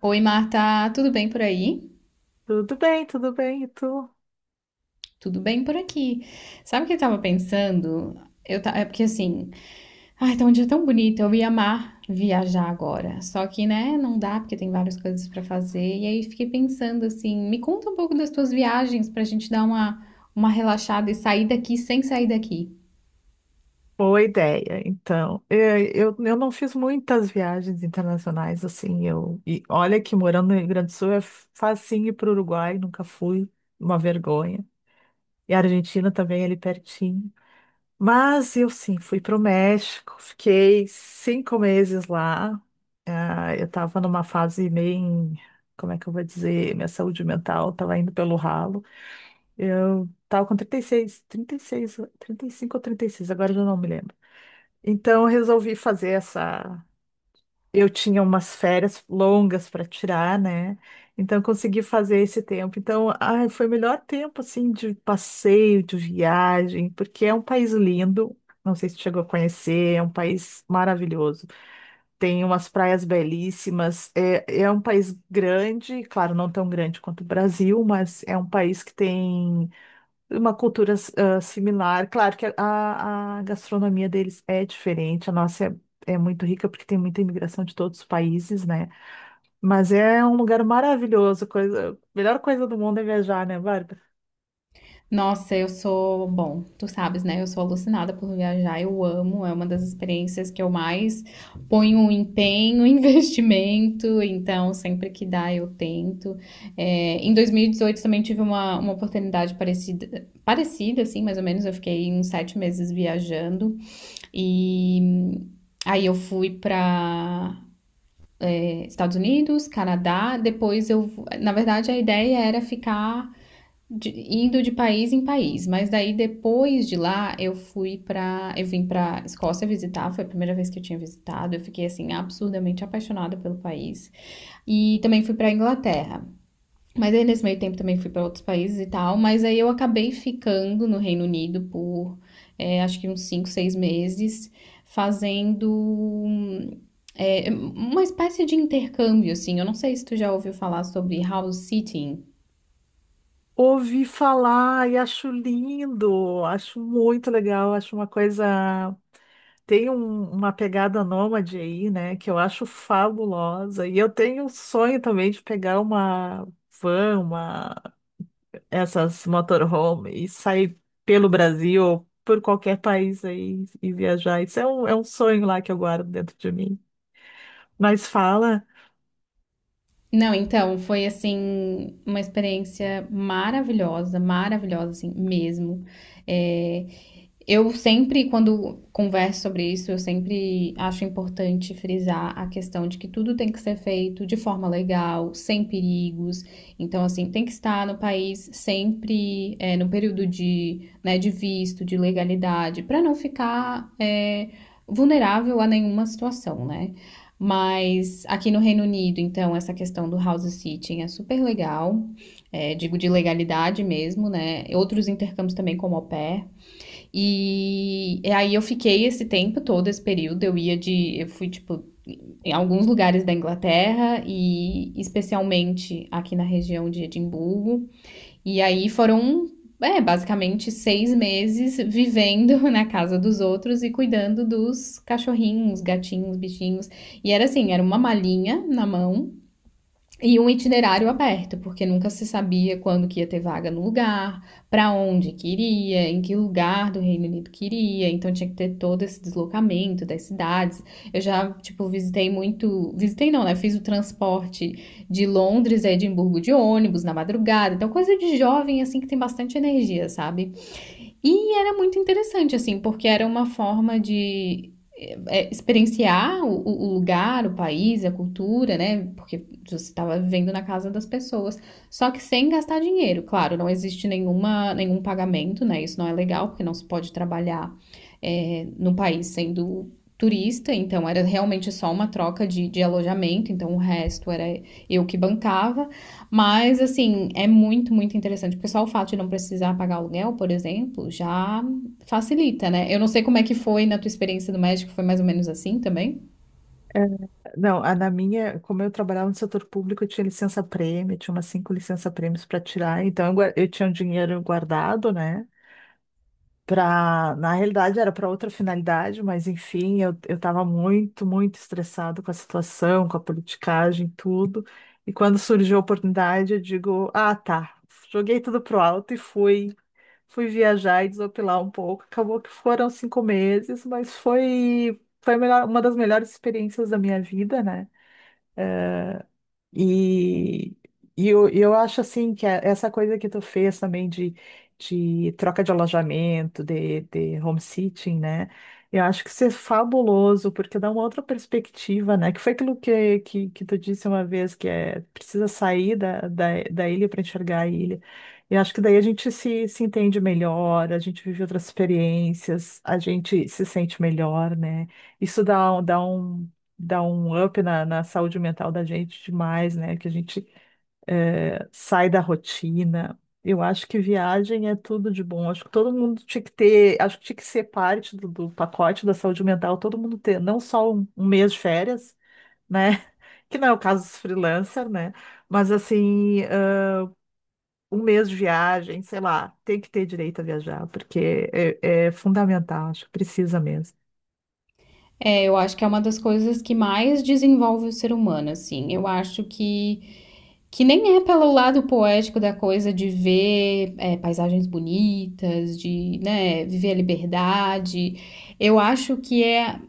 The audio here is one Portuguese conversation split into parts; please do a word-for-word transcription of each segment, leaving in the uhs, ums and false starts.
Oi, Marta, tudo bem por aí? Tudo bem, tudo bem, e tu? Tudo bem por aqui. Sabe o que eu tava pensando? Eu ta... É porque assim, ai, Tá um dia tão bonito, eu ia amar viajar agora. Só que, né, não dá porque tem várias coisas pra fazer. E aí fiquei pensando assim, me conta um pouco das tuas viagens pra gente dar uma uma relaxada e sair daqui sem sair daqui. Boa ideia. Então, eh, eu, eu não fiz muitas viagens internacionais assim. Eu, e olha que morando no Rio Grande do Sul é facinho ir para o Uruguai, nunca fui, uma vergonha. E a Argentina também ali pertinho. Mas eu sim, fui para o México, fiquei cinco meses lá. Ah, eu estava numa fase bem, como é que eu vou dizer, minha saúde mental estava indo pelo ralo. Eu tava com trinta e seis, trinta e seis, trinta e cinco ou trinta e seis, agora eu já não me lembro. Então, eu resolvi fazer essa. Eu tinha umas férias longas para tirar, né? Então, eu consegui fazer esse tempo. Então, ai, foi o melhor tempo, assim, de passeio, de viagem, porque é um país lindo. Não sei se chegou a conhecer, é um país maravilhoso. Tem umas praias belíssimas. É, é um país grande, claro, não tão grande quanto o Brasil, mas é um país que tem uma cultura ah, similar. Claro que a, a- a gastronomia deles é diferente, a nossa é, é muito rica porque tem muita imigração de todos os países, né? Mas é um lugar maravilhoso, coisa, a melhor coisa do mundo é viajar, né, Bárbara? Nossa, eu sou, bom, tu sabes, né? Eu sou alucinada por viajar, eu amo, é uma das experiências que eu mais ponho um empenho, investimento, então sempre que dá eu tento. É, em dois mil e dezoito também tive uma, uma oportunidade parecida, parecida, assim, mais ou menos, eu fiquei uns sete meses viajando e hum, aí eu fui para Estados Unidos, Canadá, depois eu, na verdade a ideia era ficar de- indo de país em país, mas daí depois de lá eu fui pra. Eu vim pra Escócia visitar, foi a primeira vez que eu tinha visitado, eu fiquei assim absurdamente apaixonada pelo país. E também fui pra Inglaterra. Mas aí nesse meio tempo também fui pra outros países e tal, mas aí eu acabei ficando no Reino Unido por é, acho que uns cinco, seis meses, fazendo hum, é, uma espécie de intercâmbio, assim. Eu não sei se tu já ouviu falar sobre house sitting. Ouvi falar e acho lindo, acho muito legal, acho uma coisa. Tem um- uma pegada nômade aí, né, que eu acho fabulosa. E eu tenho um sonho também de pegar uma van, essas motorhome e sair pelo Brasil ou por qualquer país aí e viajar. Isso é um, é um sonho lá que eu guardo dentro de mim. Mas fala, Não, então, foi assim, uma experiência maravilhosa, maravilhosa, assim, mesmo. É, eu sempre, quando converso sobre isso, eu sempre acho importante frisar a questão de que tudo tem que ser feito de forma legal, sem perigos. Então, assim, tem que estar no país sempre é, no período de, né, de visto, de legalidade, para não ficar é, vulnerável a nenhuma situação, né? Mas aqui no Reino Unido, então, essa questão do house sitting é super legal, é, digo de legalidade mesmo, né? Outros intercâmbios também, como au pair. E aí eu fiquei esse tempo todo, esse período, eu ia de, eu fui tipo em alguns lugares da Inglaterra e especialmente aqui na região de Edimburgo. E aí foram, é, basicamente seis meses vivendo na casa dos outros e cuidando dos cachorrinhos, gatinhos, bichinhos. E era assim, era uma malinha na mão e um itinerário aberto, porque nunca se sabia quando que ia ter vaga no lugar, para onde queria, em que lugar do Reino Unido queria, então tinha que ter todo esse deslocamento das cidades. Eu já, tipo, visitei muito, visitei não, né? Fiz o transporte de Londres a Edimburgo de ônibus na madrugada. Então coisa de jovem assim que tem bastante energia, sabe? E era muito interessante, assim, porque era uma forma de é, experienciar o, o lugar, o país, a cultura, né? Porque você estava vivendo na casa das pessoas, só que sem gastar dinheiro. Claro, não existe nenhuma, nenhum pagamento, né? Isso não é legal, porque não se pode trabalhar é, no país sendo turista, então era realmente só uma troca de, de alojamento, então o resto era eu que bancava. Mas, assim, é muito, muito interessante, porque só o fato de não precisar pagar aluguel, por exemplo, já facilita, né? Eu não sei como é que foi na tua experiência do México, foi mais ou menos assim também. é, não, a, na minha, como eu trabalhava no setor público, eu tinha licença-prêmio, tinha umas cinco licença-prêmios para tirar, então eu, gua- eu tinha um dinheiro guardado, né? Pra, na realidade era para outra finalidade, mas enfim, eu, eu estava muito, muito estressado com a situação, com a politicagem, tudo. E quando surgiu a oportunidade, eu digo, ah, tá, joguei tudo pro alto e fui, fui viajar e desopilar um pouco. Acabou que foram cinco meses, mas foi, foi a melhor- uma das melhores experiências da minha vida, né? E, e eu, e eu acho assim que a- essa coisa que tu fez também de, de troca de alojamento, de, de home sitting, né? Eu acho que isso é fabuloso, porque dá uma outra perspectiva, né? Que foi aquilo que, que, que tu disse uma vez, que é precisa sair da, da, da ilha para enxergar a ilha. Eu acho que daí a gente se, se entende melhor, a gente vive outras experiências, a gente se sente melhor, né? Isso dá, dá um dá um up na, na saúde mental da gente demais, né? Que a gente eh, sai da rotina. Eu acho que viagem é tudo de bom. Acho que todo mundo tinha que ter, acho que tinha que ser parte do, do pacote da saúde mental, todo mundo ter não só um, um mês de férias, né? Que não é o caso dos freelancers, né? Mas assim, eh, um mês de viagem, sei lá, tem que ter direito a viajar, porque é, é fundamental, acho que precisa mesmo. É, eu acho que é uma das coisas que mais desenvolve o ser humano, assim. Eu acho que, que nem é pelo lado poético da coisa de ver é, paisagens bonitas, de, né, viver a liberdade. Eu acho que é,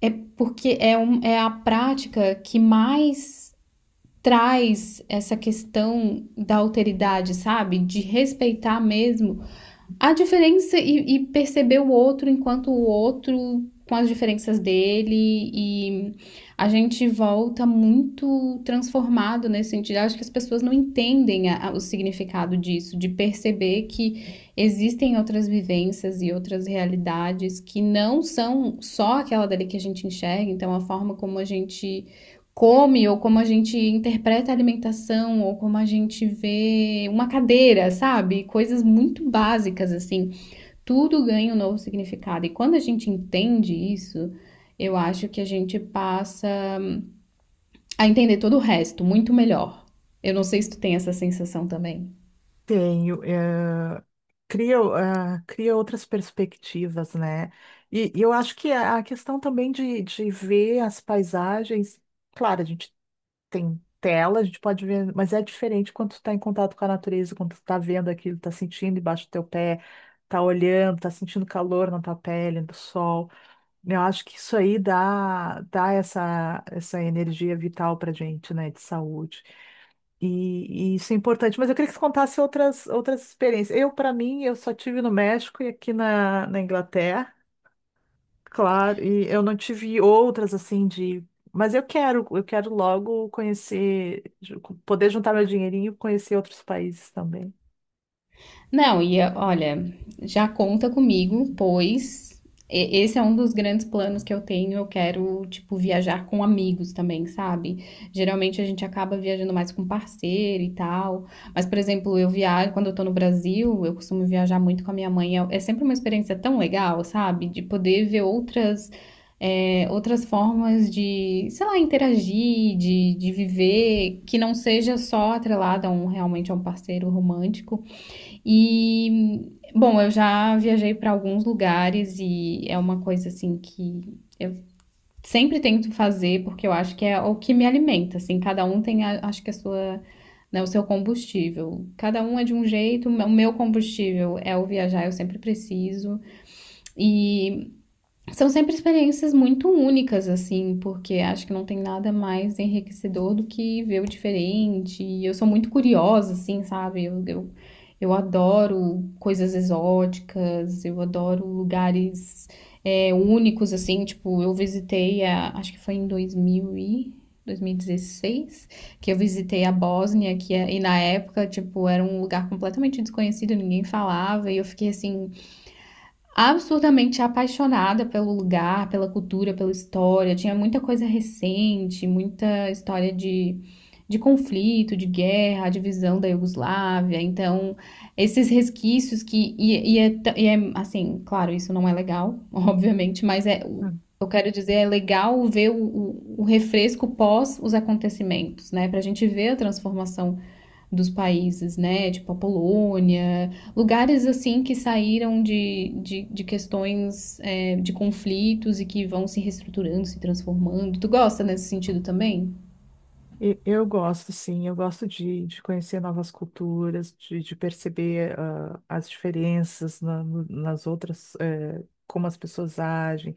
é porque é, um, é a prática que mais traz essa questão da alteridade, sabe? De respeitar mesmo a diferença e, e perceber o outro enquanto o outro com as diferenças dele e a gente volta muito transformado nesse sentido. Eu acho que as pessoas não entendem a- a- o significado disso, de perceber que existem outras vivências e outras realidades que não são só aquela dali que a gente enxerga. Então, a forma como a gente come ou como a gente interpreta a alimentação ou como a gente vê uma cadeira, sabe? Coisas muito básicas assim. Tudo ganha um novo significado e quando a gente entende isso, eu acho que a gente passa a entender todo o resto muito melhor. Eu não sei se tu tem essa sensação também. Tenho, eh, cria, eh, cria outras perspectivas, né? E, e eu acho que a a questão também de, de ver as paisagens, claro, a gente tem tela, a gente pode ver, mas é diferente quando tu está em contato com a natureza, quando tu está vendo aquilo, está sentindo embaixo do teu pé, está olhando, está sentindo calor na tua pele, do sol. Eu acho que isso aí dá, dá essa, essa energia vital pra gente, né? De saúde. E, e isso é importante, mas eu queria que você contasse outras, outras experiências. Eu, para mim, eu só tive no México e aqui na, na Inglaterra, claro, e eu não tive outras assim de. Mas eu quero, eu quero logo conhecer, ju- poder juntar meu dinheirinho e conhecer outros países também. Não, e eh, olha, já conta comigo, pois e- esse é um dos grandes planos que eu tenho. Eu quero, tipo, viajar com amigos também, sabe? Geralmente a gente acaba viajando mais com parceiro e tal. Mas, por exemplo, eu viajo, quando eu tô no Brasil, eu costumo viajar muito com a minha mãe. É é sempre uma experiência tão legal, sabe? De poder ver outras, eh, outras formas de, sei lá, interagir, de, de viver, que não seja só atrelada a um, realmente a um parceiro romântico. E, bom, eu já viajei para alguns lugares e é uma coisa assim que eu sempre tento fazer porque eu acho que é o que me alimenta, assim, cada um tem a- acho que a sua, né, o seu combustível. Cada um é de um jeito, o meu combustível é o viajar, eu sempre preciso. E são sempre experiências muito únicas, assim, porque acho que não tem nada mais enriquecedor do que ver o diferente. E eu sou muito curiosa, assim, sabe? Eu, eu, eu adoro coisas exóticas, eu adoro lugares é, únicos, assim. Tipo, eu visitei, a, acho que foi em dois mil e dezesseis, que eu visitei a Bósnia, que, é- e na época, tipo, era um lugar completamente desconhecido, ninguém falava, e eu fiquei assim absurdamente apaixonada pelo lugar, pela cultura, pela história. Tinha muita coisa recente, muita história de, de conflito, de guerra, a divisão da Iugoslávia. Então, esses resquícios que. E, e é, t- e é, assim, claro, isso não é legal, obviamente, mas é. Hum. Eu quero dizer, é legal ver o, o, o refresco pós os acontecimentos, né? Pra gente ver a transformação dos países, né? Tipo a Polônia, lugares assim que saíram de, de, de questões, é, de conflitos e que vão se reestruturando, se transformando. Tu gosta nesse sentido também? E- Eu gosto, sim, eu gosto de, de conhecer novas culturas, de, de perceber ah, as diferenças na- no- nas outras, eh, como as pessoas agem.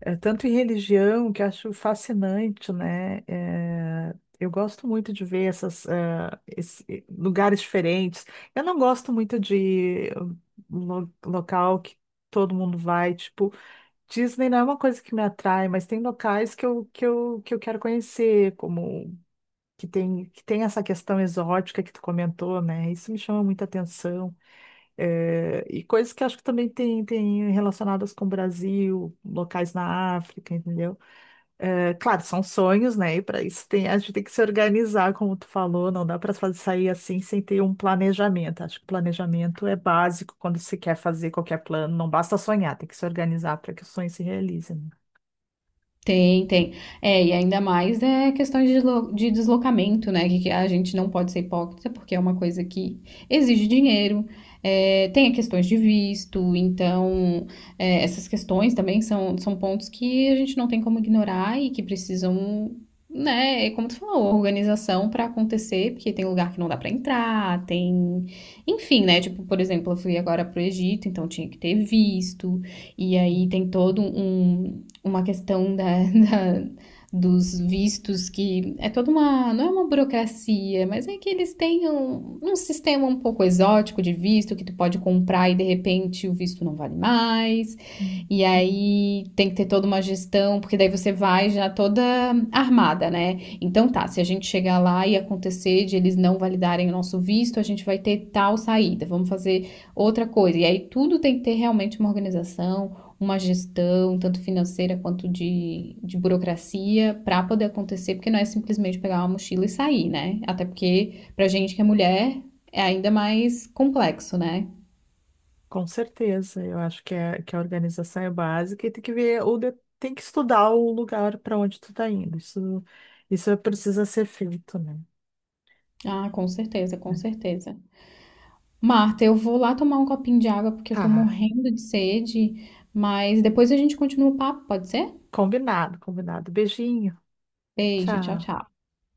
É, tanto em religião, que eu acho fascinante, né? É, eu gosto muito de ver essas, eh, esse- eh, lugares diferentes. Eu não gosto muito de lo- local que todo mundo vai. Tipo, Disney não é uma coisa que me atrai, mas tem locais que eu, que eu, que eu quero conhecer, como que tem, que tem essa questão exótica que tu comentou, né? Isso me chama muita atenção. É, e coisas que acho que também tem, tem relacionadas com o Brasil, locais na África, entendeu? É, claro, são sonhos, né? E para isso tem, a gente tem que se organizar, como tu falou, não dá para sair assim sem ter um planejamento. Acho que o planejamento é básico quando se quer fazer qualquer plano, não basta sonhar, tem que se organizar para que o sonho se realize, né? Tem, tem. É, e ainda mais é questões de deslo- de deslocamento, né? Que que a gente não pode ser hipócrita, porque é uma coisa que exige dinheiro, é, tem questões de visto, então é, essas questões também são, são pontos que a gente não tem como ignorar e que precisam, né, é como tu falou, organização para acontecer, porque tem lugar que não dá para entrar, tem. Enfim, né? Tipo, por exemplo, eu fui agora pro Egito, então tinha que ter visto. E aí tem todo um, uma questão da, da- dos vistos que é toda uma, não é uma burocracia, mas é que eles têm um, um sistema um pouco exótico de visto que tu pode comprar e de repente o visto não vale mais. Hum, E aí tem que ter toda uma gestão, porque daí você vai já toda armada, né? Então tá, se a gente chegar lá e acontecer de eles não validarem o nosso visto, a gente vai ter tal saída, vamos fazer outra coisa. E aí tudo tem que ter realmente uma organização, uma gestão, tanto financeira quanto de, de burocracia, para poder acontecer, porque não é simplesmente pegar uma mochila e sair, né? Até porque, pra gente que é mulher, é ainda mais complexo, né? com certeza, eu acho que, é, que a organização é básica e tem que ver, ou de- tem que estudar o lugar para onde tu tá indo. Isso, isso precisa ser feito, né? Ah, com certeza, com Né? certeza. Marta, eu vou lá tomar um copinho de água porque eu tô Tá, morrendo de sede, mas depois a gente continua o papo, pode ser? combinado, combinado. Beijinho, Beijo, tchau, tchau. tchau.